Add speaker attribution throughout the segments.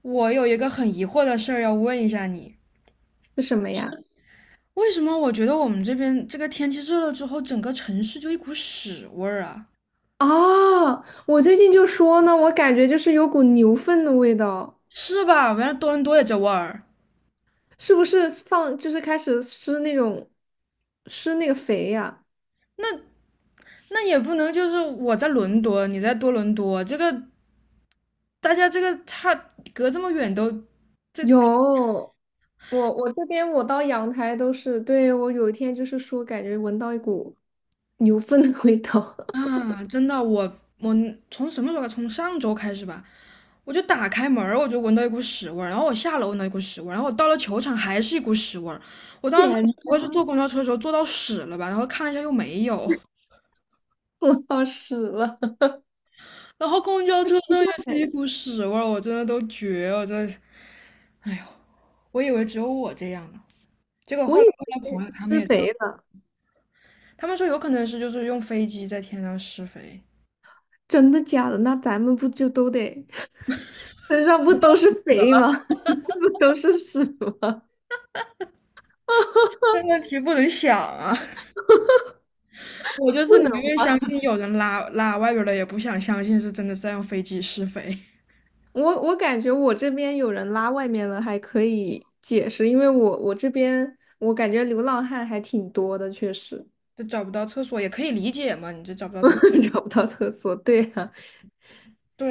Speaker 1: 我有一个很疑惑的事儿要问一下你，
Speaker 2: 是什么呀？
Speaker 1: 为什么我觉得我们这边这个天气热了之后，整个城市就一股屎味儿啊？
Speaker 2: 哦，我最近就说呢，我感觉就是有股牛粪的味道，
Speaker 1: 是吧？原来多伦多也这味儿。
Speaker 2: 是不是就是开始施那个肥呀？
Speaker 1: 那那也不能就是我在伦敦，你在多伦多，这个大家这个隔这么远都，这
Speaker 2: 有，我这边我到阳台都是，对，我有一天就是说感觉闻到一股牛粪的味道，
Speaker 1: 啊，真的，我从什么时候开始？从上周开始吧。我就打开门儿我就闻到一股屎味儿，然后我下楼闻到一股屎味儿，然后我到了球场还是一股屎味儿。我 当时
Speaker 2: 天，
Speaker 1: 不会是坐公交车的时候坐到屎了吧？然后看了一下又没有。
Speaker 2: 做到屎了，
Speaker 1: 然后公交 车
Speaker 2: 奇
Speaker 1: 上也是一
Speaker 2: 怪，
Speaker 1: 股屎味儿，我真的都绝了，我真的。哎呦，我以为只有我这样呢，结果
Speaker 2: 我
Speaker 1: 后
Speaker 2: 以
Speaker 1: 来问了朋
Speaker 2: 为
Speaker 1: 友，他们
Speaker 2: 施
Speaker 1: 也这样，
Speaker 2: 肥了，
Speaker 1: 他们说有可能是就是用飞机在天上施肥。
Speaker 2: 真的假的？那咱们不就都得 身上不都是肥吗？不都是屎吗？
Speaker 1: 这问题不能想啊。我就
Speaker 2: 不
Speaker 1: 是宁
Speaker 2: 能。
Speaker 1: 愿相信有人拉外边儿了，也不想相信是真的在用飞机试飞。
Speaker 2: 我感觉我这边有人拉外面了，还可以解释，因为我这边我感觉流浪汉还挺多的，确实
Speaker 1: 就找不到厕所也可以理解嘛，你这找不到厕所，
Speaker 2: 找不到厕所。对啊，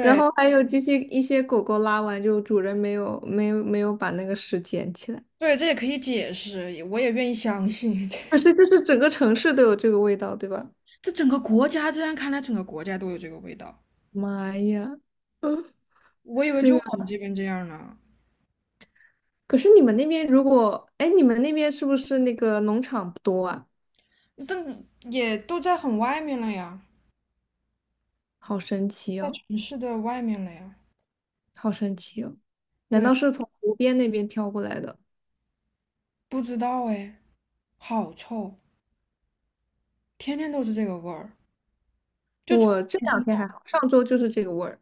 Speaker 2: 然后还有就是一些狗狗拉完就主人没有把那个屎捡起来，
Speaker 1: 对，这也可以解释，我也愿意相信。
Speaker 2: 可是 就是整个城市都有这个味道，对吧？
Speaker 1: 这整个国家这样看来，整个国家都有这个味道。
Speaker 2: 妈呀，
Speaker 1: 我以为
Speaker 2: 那
Speaker 1: 就我
Speaker 2: 个
Speaker 1: 们这边这样呢，
Speaker 2: 可是你们那边是不是那个农场不多啊？
Speaker 1: 但也都在很外面了呀，
Speaker 2: 好神奇
Speaker 1: 在
Speaker 2: 哦，
Speaker 1: 城市的外面了呀。
Speaker 2: 好神奇哦，难
Speaker 1: 对，
Speaker 2: 道是从湖边那边飘过来的？
Speaker 1: 不知道哎，好臭，天天都是这个味儿，就从
Speaker 2: 我这
Speaker 1: 天
Speaker 2: 两
Speaker 1: 听
Speaker 2: 天
Speaker 1: 到
Speaker 2: 还好，上周就是这个味儿。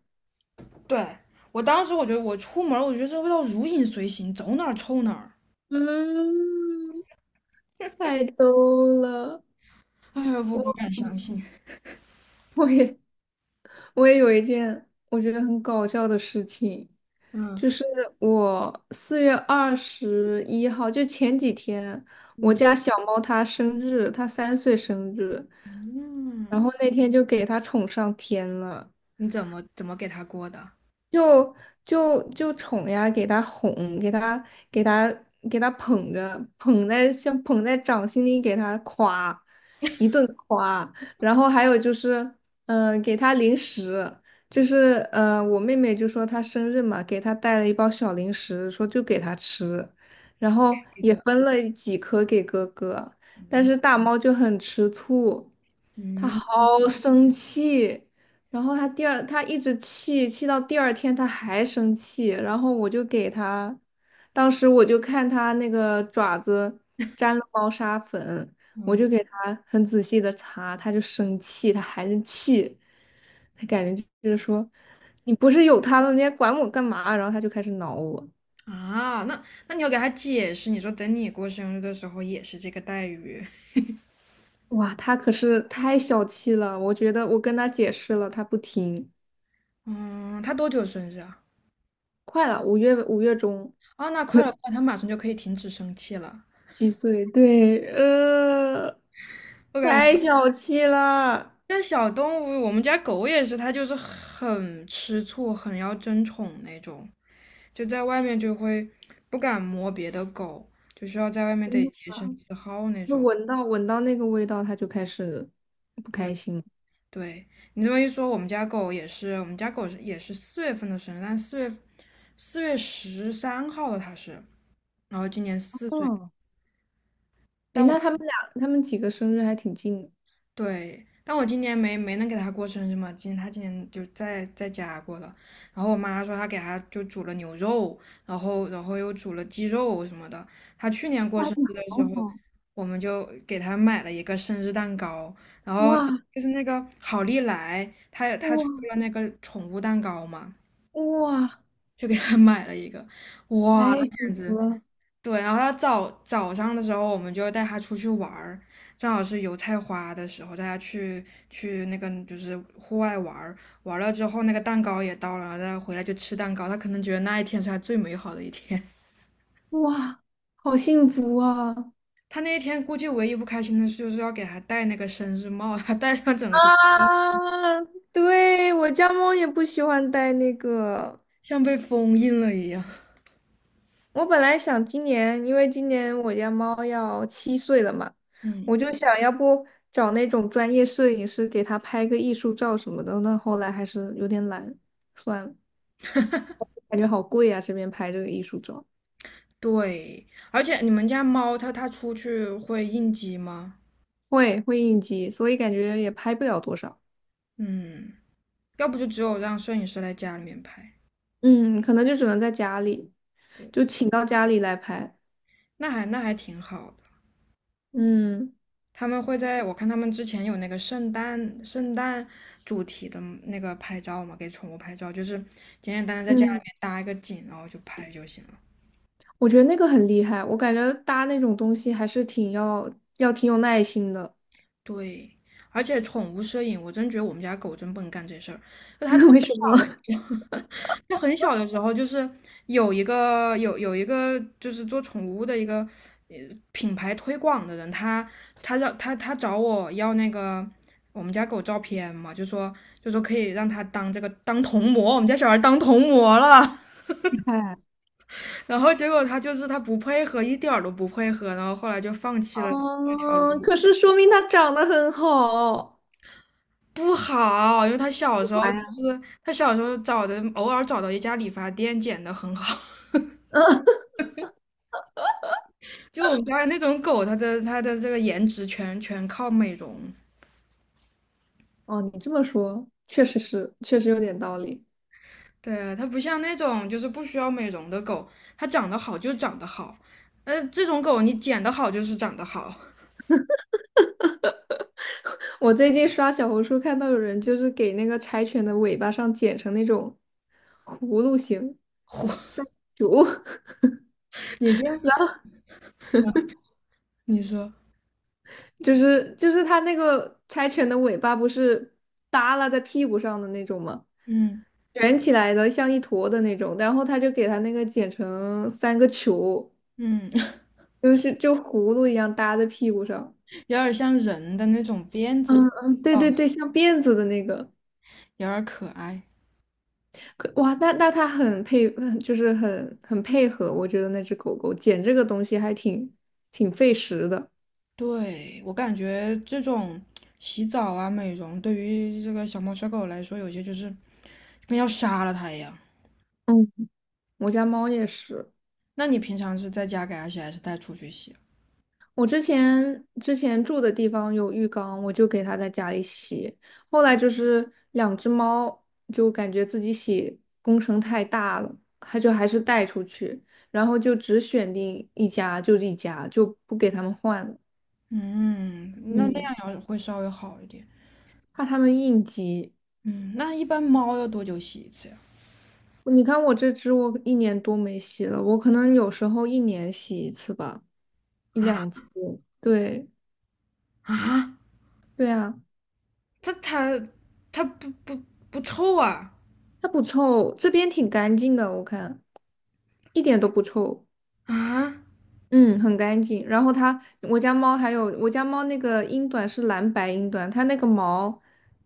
Speaker 1: 对我当时我觉得我出门我觉得这味道如影随形，走哪儿臭哪儿。
Speaker 2: 嗯，太逗了。
Speaker 1: 哎呀，我不敢
Speaker 2: 我
Speaker 1: 相信。
Speaker 2: 我也我也有一件我觉得很搞笑的事情，
Speaker 1: 嗯
Speaker 2: 就是我4月21日，就前几天，我
Speaker 1: 嗯
Speaker 2: 家小猫它生日，它3岁生日，
Speaker 1: 嗯，
Speaker 2: 然后那天就给它宠上天了。
Speaker 1: 你怎么给他过的？
Speaker 2: 就就宠呀，给他哄，给他给他捧着，像捧在掌心里，给他夸，一顿夸。然后还有就是，给他零食，就是我妹妹就说她生日嘛，给她带了一包小零食，说就给她吃，然后
Speaker 1: 给
Speaker 2: 也
Speaker 1: 的。
Speaker 2: 分了几颗给哥哥，但
Speaker 1: 嗯
Speaker 2: 是大猫就很吃醋。他好
Speaker 1: 嗯
Speaker 2: 生气，然后他第二，他一直气，气到第二天他还生气，然后我就给他，当时我就看他那个爪子沾了猫砂粉，我
Speaker 1: 嗯
Speaker 2: 就给他很仔细的擦，他就生气，他还是气，他感觉就是说，你不是有他了，你还管我干嘛？然后他就开始挠我，
Speaker 1: 啊，那你要给他解释，你说等你过生日的时候也是这个待遇。
Speaker 2: 哇，他可是太小气了，我觉得我跟他解释了，他不听，
Speaker 1: 嗯，他多久生日啊？
Speaker 2: 快了，五月中。
Speaker 1: 啊，那快了，快，他马上就可以停止生气了。
Speaker 2: 几岁？对，
Speaker 1: 我感觉
Speaker 2: 太小气了。
Speaker 1: 这小动物，我们家狗也是，它就是很吃醋，很要争宠那种。就在外面就会不敢摸别的狗，就需要在外面得洁身自好那
Speaker 2: 就
Speaker 1: 种。
Speaker 2: 闻到那个味道，他就开始。
Speaker 1: 对对，你这么一说，我们家狗也是，我们家狗也是四月份的生日，但四月十三号的它是，然后今年四岁。
Speaker 2: 嗯，哎，
Speaker 1: 但我。
Speaker 2: 那他们俩，他们几个生日还挺近的。
Speaker 1: 对，但我今年没能给他过生日嘛，今年就在家过了。然后我妈说她给他就煮了牛肉，然后又煮了鸡肉什么的。他去年过
Speaker 2: 那
Speaker 1: 生
Speaker 2: 你
Speaker 1: 日的
Speaker 2: 好
Speaker 1: 时候，
Speaker 2: 好，
Speaker 1: 我们就给他买了一个生日蛋糕，然后
Speaker 2: 哇
Speaker 1: 就是那个好利来，他也
Speaker 2: 哇
Speaker 1: 他出了那个宠物蛋糕嘛，
Speaker 2: 哇，
Speaker 1: 就给他买了一个，哇，他
Speaker 2: 太
Speaker 1: 简
Speaker 2: 幸福
Speaker 1: 直
Speaker 2: 了
Speaker 1: 对，然后他早上的时候，我们就带他出去玩儿，正好是油菜花的时候，带他去那个就是户外玩儿，玩了之后那个蛋糕也到了，然后他回来就吃蛋糕，他可能觉得那一天是他最美好的一天。
Speaker 2: 哇，好幸福啊！
Speaker 1: 他那一天估计唯一不开心的事就是要给他戴那个生日帽，他戴上整个就
Speaker 2: 啊！啊，对，我家猫也不喜欢戴那个。
Speaker 1: 像被封印了一样。
Speaker 2: 我本来想今年，因为今年我家猫要7岁了嘛，
Speaker 1: 嗯，
Speaker 2: 我就想要不找那种专业摄影师给它拍个艺术照什么的。那后来还是有点懒，算了，感觉好贵啊，这边拍这个艺术照，
Speaker 1: 对，而且你们家猫它出去会应激吗？
Speaker 2: 会应急，所以感觉也拍不了多少。
Speaker 1: 嗯，要不就只有让摄影师来家里面拍。
Speaker 2: 嗯，可能就只能在家里，就请到家里来拍。
Speaker 1: 那还挺好的。
Speaker 2: 嗯
Speaker 1: 他们会在我看他们之前有那个圣诞主题的那个拍照嘛，给宠物拍照，就是简简单单在家里
Speaker 2: 嗯，
Speaker 1: 面搭一个景，然后就拍就行了。
Speaker 2: 我觉得那个很厉害，我感觉搭那种东西还是要挺有耐心的。
Speaker 1: 对，而且宠物摄影，我真觉得我们家狗真不能干这事儿。就它特 别
Speaker 2: 为什么？
Speaker 1: 小的 时候，它很小的时候，就是有一个就是做宠物的一个呃品牌推广的人，他让他找我要那个我们家狗照片嘛，就说可以让他当这个当童模，我们家小孩当童模了。
Speaker 2: 哎
Speaker 1: 然后结果他就是他不配合，一点儿都不配合，然后后来就放弃了。
Speaker 2: 哦，可是说明它长得很好。
Speaker 1: 不好，因为他小时候
Speaker 2: 哎
Speaker 1: 就
Speaker 2: 呀，
Speaker 1: 是他小时候找的，偶尔找到一家理发店剪的很好。
Speaker 2: 嗯
Speaker 1: 就我们家那种狗，它的这个颜值全靠美容。
Speaker 2: 哦，你这么说，确实是，确实有点道理。
Speaker 1: 对啊，它不像那种就是不需要美容的狗，它长得好就长得好。这种狗你剪得好就是长得好。
Speaker 2: 我最近刷小红书看到有人就是给那个柴犬的尾巴上剪成那种葫芦形，
Speaker 1: 嚯，
Speaker 2: 哟，
Speaker 1: 你这样，啊你说，
Speaker 2: 就是它那个柴犬的尾巴不是耷拉在屁股上的那种吗？
Speaker 1: 嗯
Speaker 2: 卷起来的像一坨的那种，然后他就给它那个剪成三个球，
Speaker 1: 嗯，
Speaker 2: 就葫芦一样搭在屁股上。
Speaker 1: 有点像人的那种辫子的
Speaker 2: 嗯嗯，
Speaker 1: 味
Speaker 2: 对
Speaker 1: 道，
Speaker 2: 对对，像辫子的那个，
Speaker 1: 有点可爱。
Speaker 2: 可哇，那它很配，很就是很很配合。我觉得那只狗狗剪这个东西还挺费时的。
Speaker 1: 对，我感觉这种洗澡啊、美容，对于这个小猫小狗来说，有些就是跟要杀了它一样。
Speaker 2: 嗯，我家猫也是，
Speaker 1: 那你平常是在家给它洗，还是带出去洗？
Speaker 2: 我之前住的地方有浴缸，我就给它在家里洗。后来就是两只猫就感觉自己洗工程太大了，它就还是带出去，然后就只选定一家就是一家，就不给它们换了。
Speaker 1: 嗯，那那
Speaker 2: 嗯，
Speaker 1: 样要会稍微好一点。
Speaker 2: 怕它们应激。
Speaker 1: 嗯，那一般猫要多久洗一次呀？
Speaker 2: 你看我这只，我一年多没洗了，我可能有时候一年洗一次吧，一两次。对，
Speaker 1: 啊，
Speaker 2: 对啊，
Speaker 1: 它它它不臭啊？
Speaker 2: 它不臭，这边挺干净的，我看一点都不臭，
Speaker 1: 啊，
Speaker 2: 嗯，很干净。然后我家猫那个英短是蓝白英短，它那个毛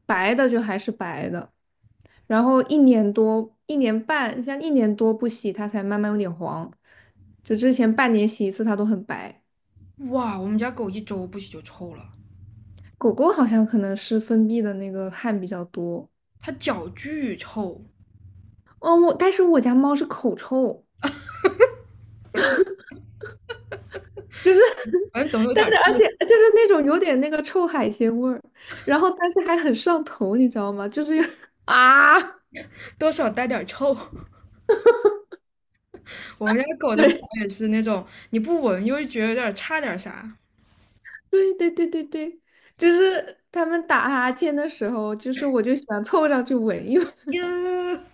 Speaker 2: 白的就还是白的，然后一年多、一年半，像一年多不洗，它才慢慢有点黄，就之前半年洗一次，它都很白。
Speaker 1: 哇，我们家狗一周不洗就臭了，
Speaker 2: 狗狗好像可能是分泌的那个汗比较多。
Speaker 1: 它脚巨臭，
Speaker 2: 哦，但是我家猫是口臭，就是
Speaker 1: 反正总有
Speaker 2: 但
Speaker 1: 点
Speaker 2: 是而
Speaker 1: 臭，
Speaker 2: 且就是那种有点那个臭海鲜味儿，然后但是还很上头，你知道吗？就是有 啊，
Speaker 1: 多少带点臭。我们家狗的脚
Speaker 2: 对
Speaker 1: 也是那种，你不闻又觉得有点差点啥。
Speaker 2: 对对对对对，就是他们打哈欠的时候，就是我就喜欢凑上去闻一闻，
Speaker 1: 呀，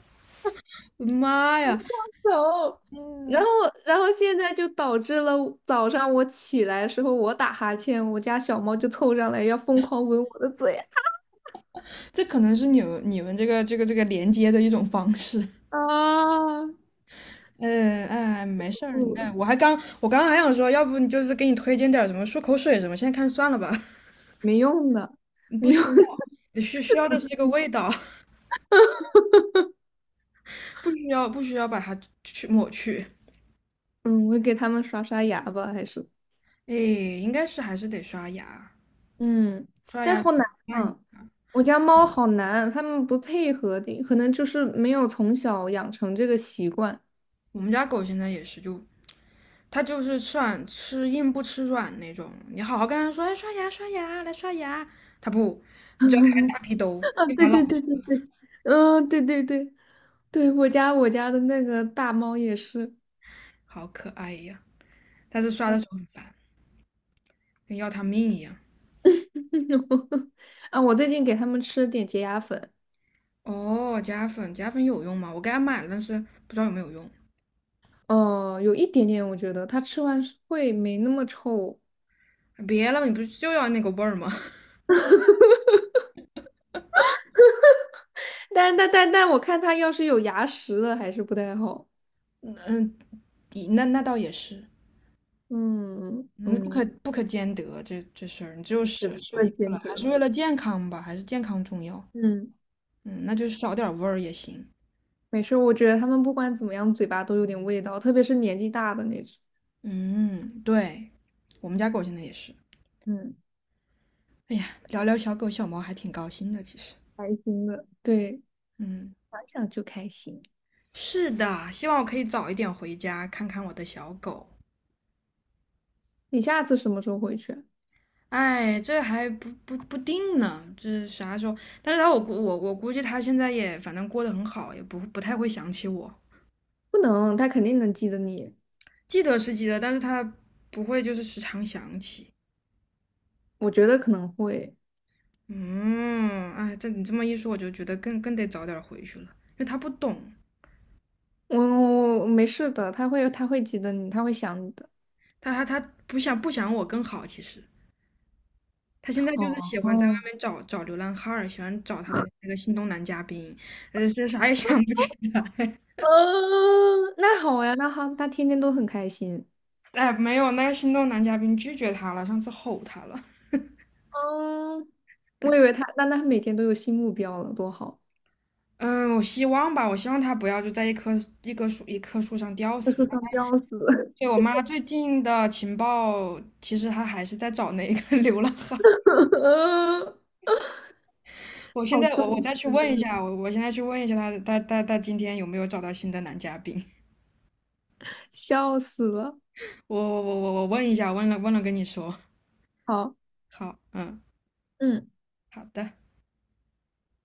Speaker 1: 我的妈呀！
Speaker 2: 然后。然
Speaker 1: 嗯，
Speaker 2: 后，现在就导致了早上我起来的时候，我打哈欠，我家小猫就凑上来要疯狂闻我的嘴。
Speaker 1: 这可能是你们这个连接的一种方式。
Speaker 2: 啊，
Speaker 1: 嗯，哎，没事儿。哎，
Speaker 2: 嗯，
Speaker 1: 我刚刚还想说，要不你就是给你推荐点儿什么漱口水什么，现在看算了吧。
Speaker 2: 没用的，没
Speaker 1: 不需
Speaker 2: 用的。
Speaker 1: 要，需要的是这个味道。不需要把它去抹去。
Speaker 2: 嗯，我给他们刷刷牙吧，还是
Speaker 1: 哎，应该是还是得刷牙，
Speaker 2: 嗯，
Speaker 1: 刷
Speaker 2: 但
Speaker 1: 牙
Speaker 2: 好难
Speaker 1: 那一。
Speaker 2: 啊！我家猫好难，它们不配合的，可能就是没有从小养成这个习惯。
Speaker 1: 我们家狗现在也是，就他就是吃软吃硬不吃软那种。你好好跟他说，哎，刷牙刷牙，来刷牙，他不，只要开大 屁兜，
Speaker 2: 啊，
Speaker 1: 立
Speaker 2: 对
Speaker 1: 马老
Speaker 2: 对对对对，嗯，对对对对，我家的那个大猫也是，
Speaker 1: 好可爱呀。但是刷的时候很烦，跟要他命一样。
Speaker 2: 啊，我最近给它们吃了点洁牙粉，
Speaker 1: 哦，夹粉有用吗？我给他买了，但是不知道有没有用。
Speaker 2: 有一点点，我觉得它吃完是会没那么臭，
Speaker 1: 别了，你不是就要那个味儿吗？
Speaker 2: 但我看他要是有牙石了，还是不太好。
Speaker 1: 嗯，那倒也是。
Speaker 2: 嗯
Speaker 1: 嗯，不
Speaker 2: 嗯，
Speaker 1: 可不可兼得这事儿，你只有
Speaker 2: 只这
Speaker 1: 舍
Speaker 2: 么
Speaker 1: 一个了，
Speaker 2: 兼
Speaker 1: 还是
Speaker 2: 得。
Speaker 1: 为了健康吧，还是健康重要。
Speaker 2: 嗯，
Speaker 1: 嗯，那就少点味儿也行。
Speaker 2: 没事，我觉得他们不管怎么样，嘴巴都有点味道，特别是年纪大的那种。
Speaker 1: 嗯，对，我们家狗现在也是。
Speaker 2: 嗯，
Speaker 1: 哎呀，聊聊小狗小猫还挺高兴的，其实。
Speaker 2: 开心的。对，
Speaker 1: 嗯，
Speaker 2: 想想就开心。
Speaker 1: 是的，希望我可以早一点回家看看我的小狗。
Speaker 2: 你下次什么时候回去啊？
Speaker 1: 哎，这还不定呢，这啥时候？但是他我估计他现在也反正过得很好，也不太会想起我，
Speaker 2: 不能，他肯定能记得你。
Speaker 1: 记得是记得，但是他不会就是时常想起。
Speaker 2: 我觉得可能会，
Speaker 1: 嗯，哎，这你这么一说，我就觉得更得早点回去了，因为他不懂，
Speaker 2: 我没事的，他会记得你，他会想你的。
Speaker 1: 他不想我更好，其实。他现在就是喜
Speaker 2: 哦，
Speaker 1: 欢在
Speaker 2: 哦，
Speaker 1: 外面找找流浪汉儿，喜欢找他的那个心动男嘉宾，这啥也想不起。
Speaker 2: 嗯，那好呀，那好，他天天都很开心。
Speaker 1: 哎，没有，那个心动男嘉宾拒绝他了，上次吼他了。
Speaker 2: 嗯，我以为他，那他每天都有新目标了，多好！
Speaker 1: 嗯，我希望吧，我希望他不要就在一棵树上吊死。
Speaker 2: 要吊死，
Speaker 1: 对，我妈最近的情报，其实她还是在找那个 流浪汉。
Speaker 2: 嗯，
Speaker 1: 我现
Speaker 2: 好
Speaker 1: 在
Speaker 2: 逗，
Speaker 1: 再去问一下，我现在去问一下他今天有没有找到新的男嘉宾？
Speaker 2: 笑死了。
Speaker 1: 我问一下，问了跟你说。
Speaker 2: 好，
Speaker 1: 好，嗯，
Speaker 2: 嗯。
Speaker 1: 好的。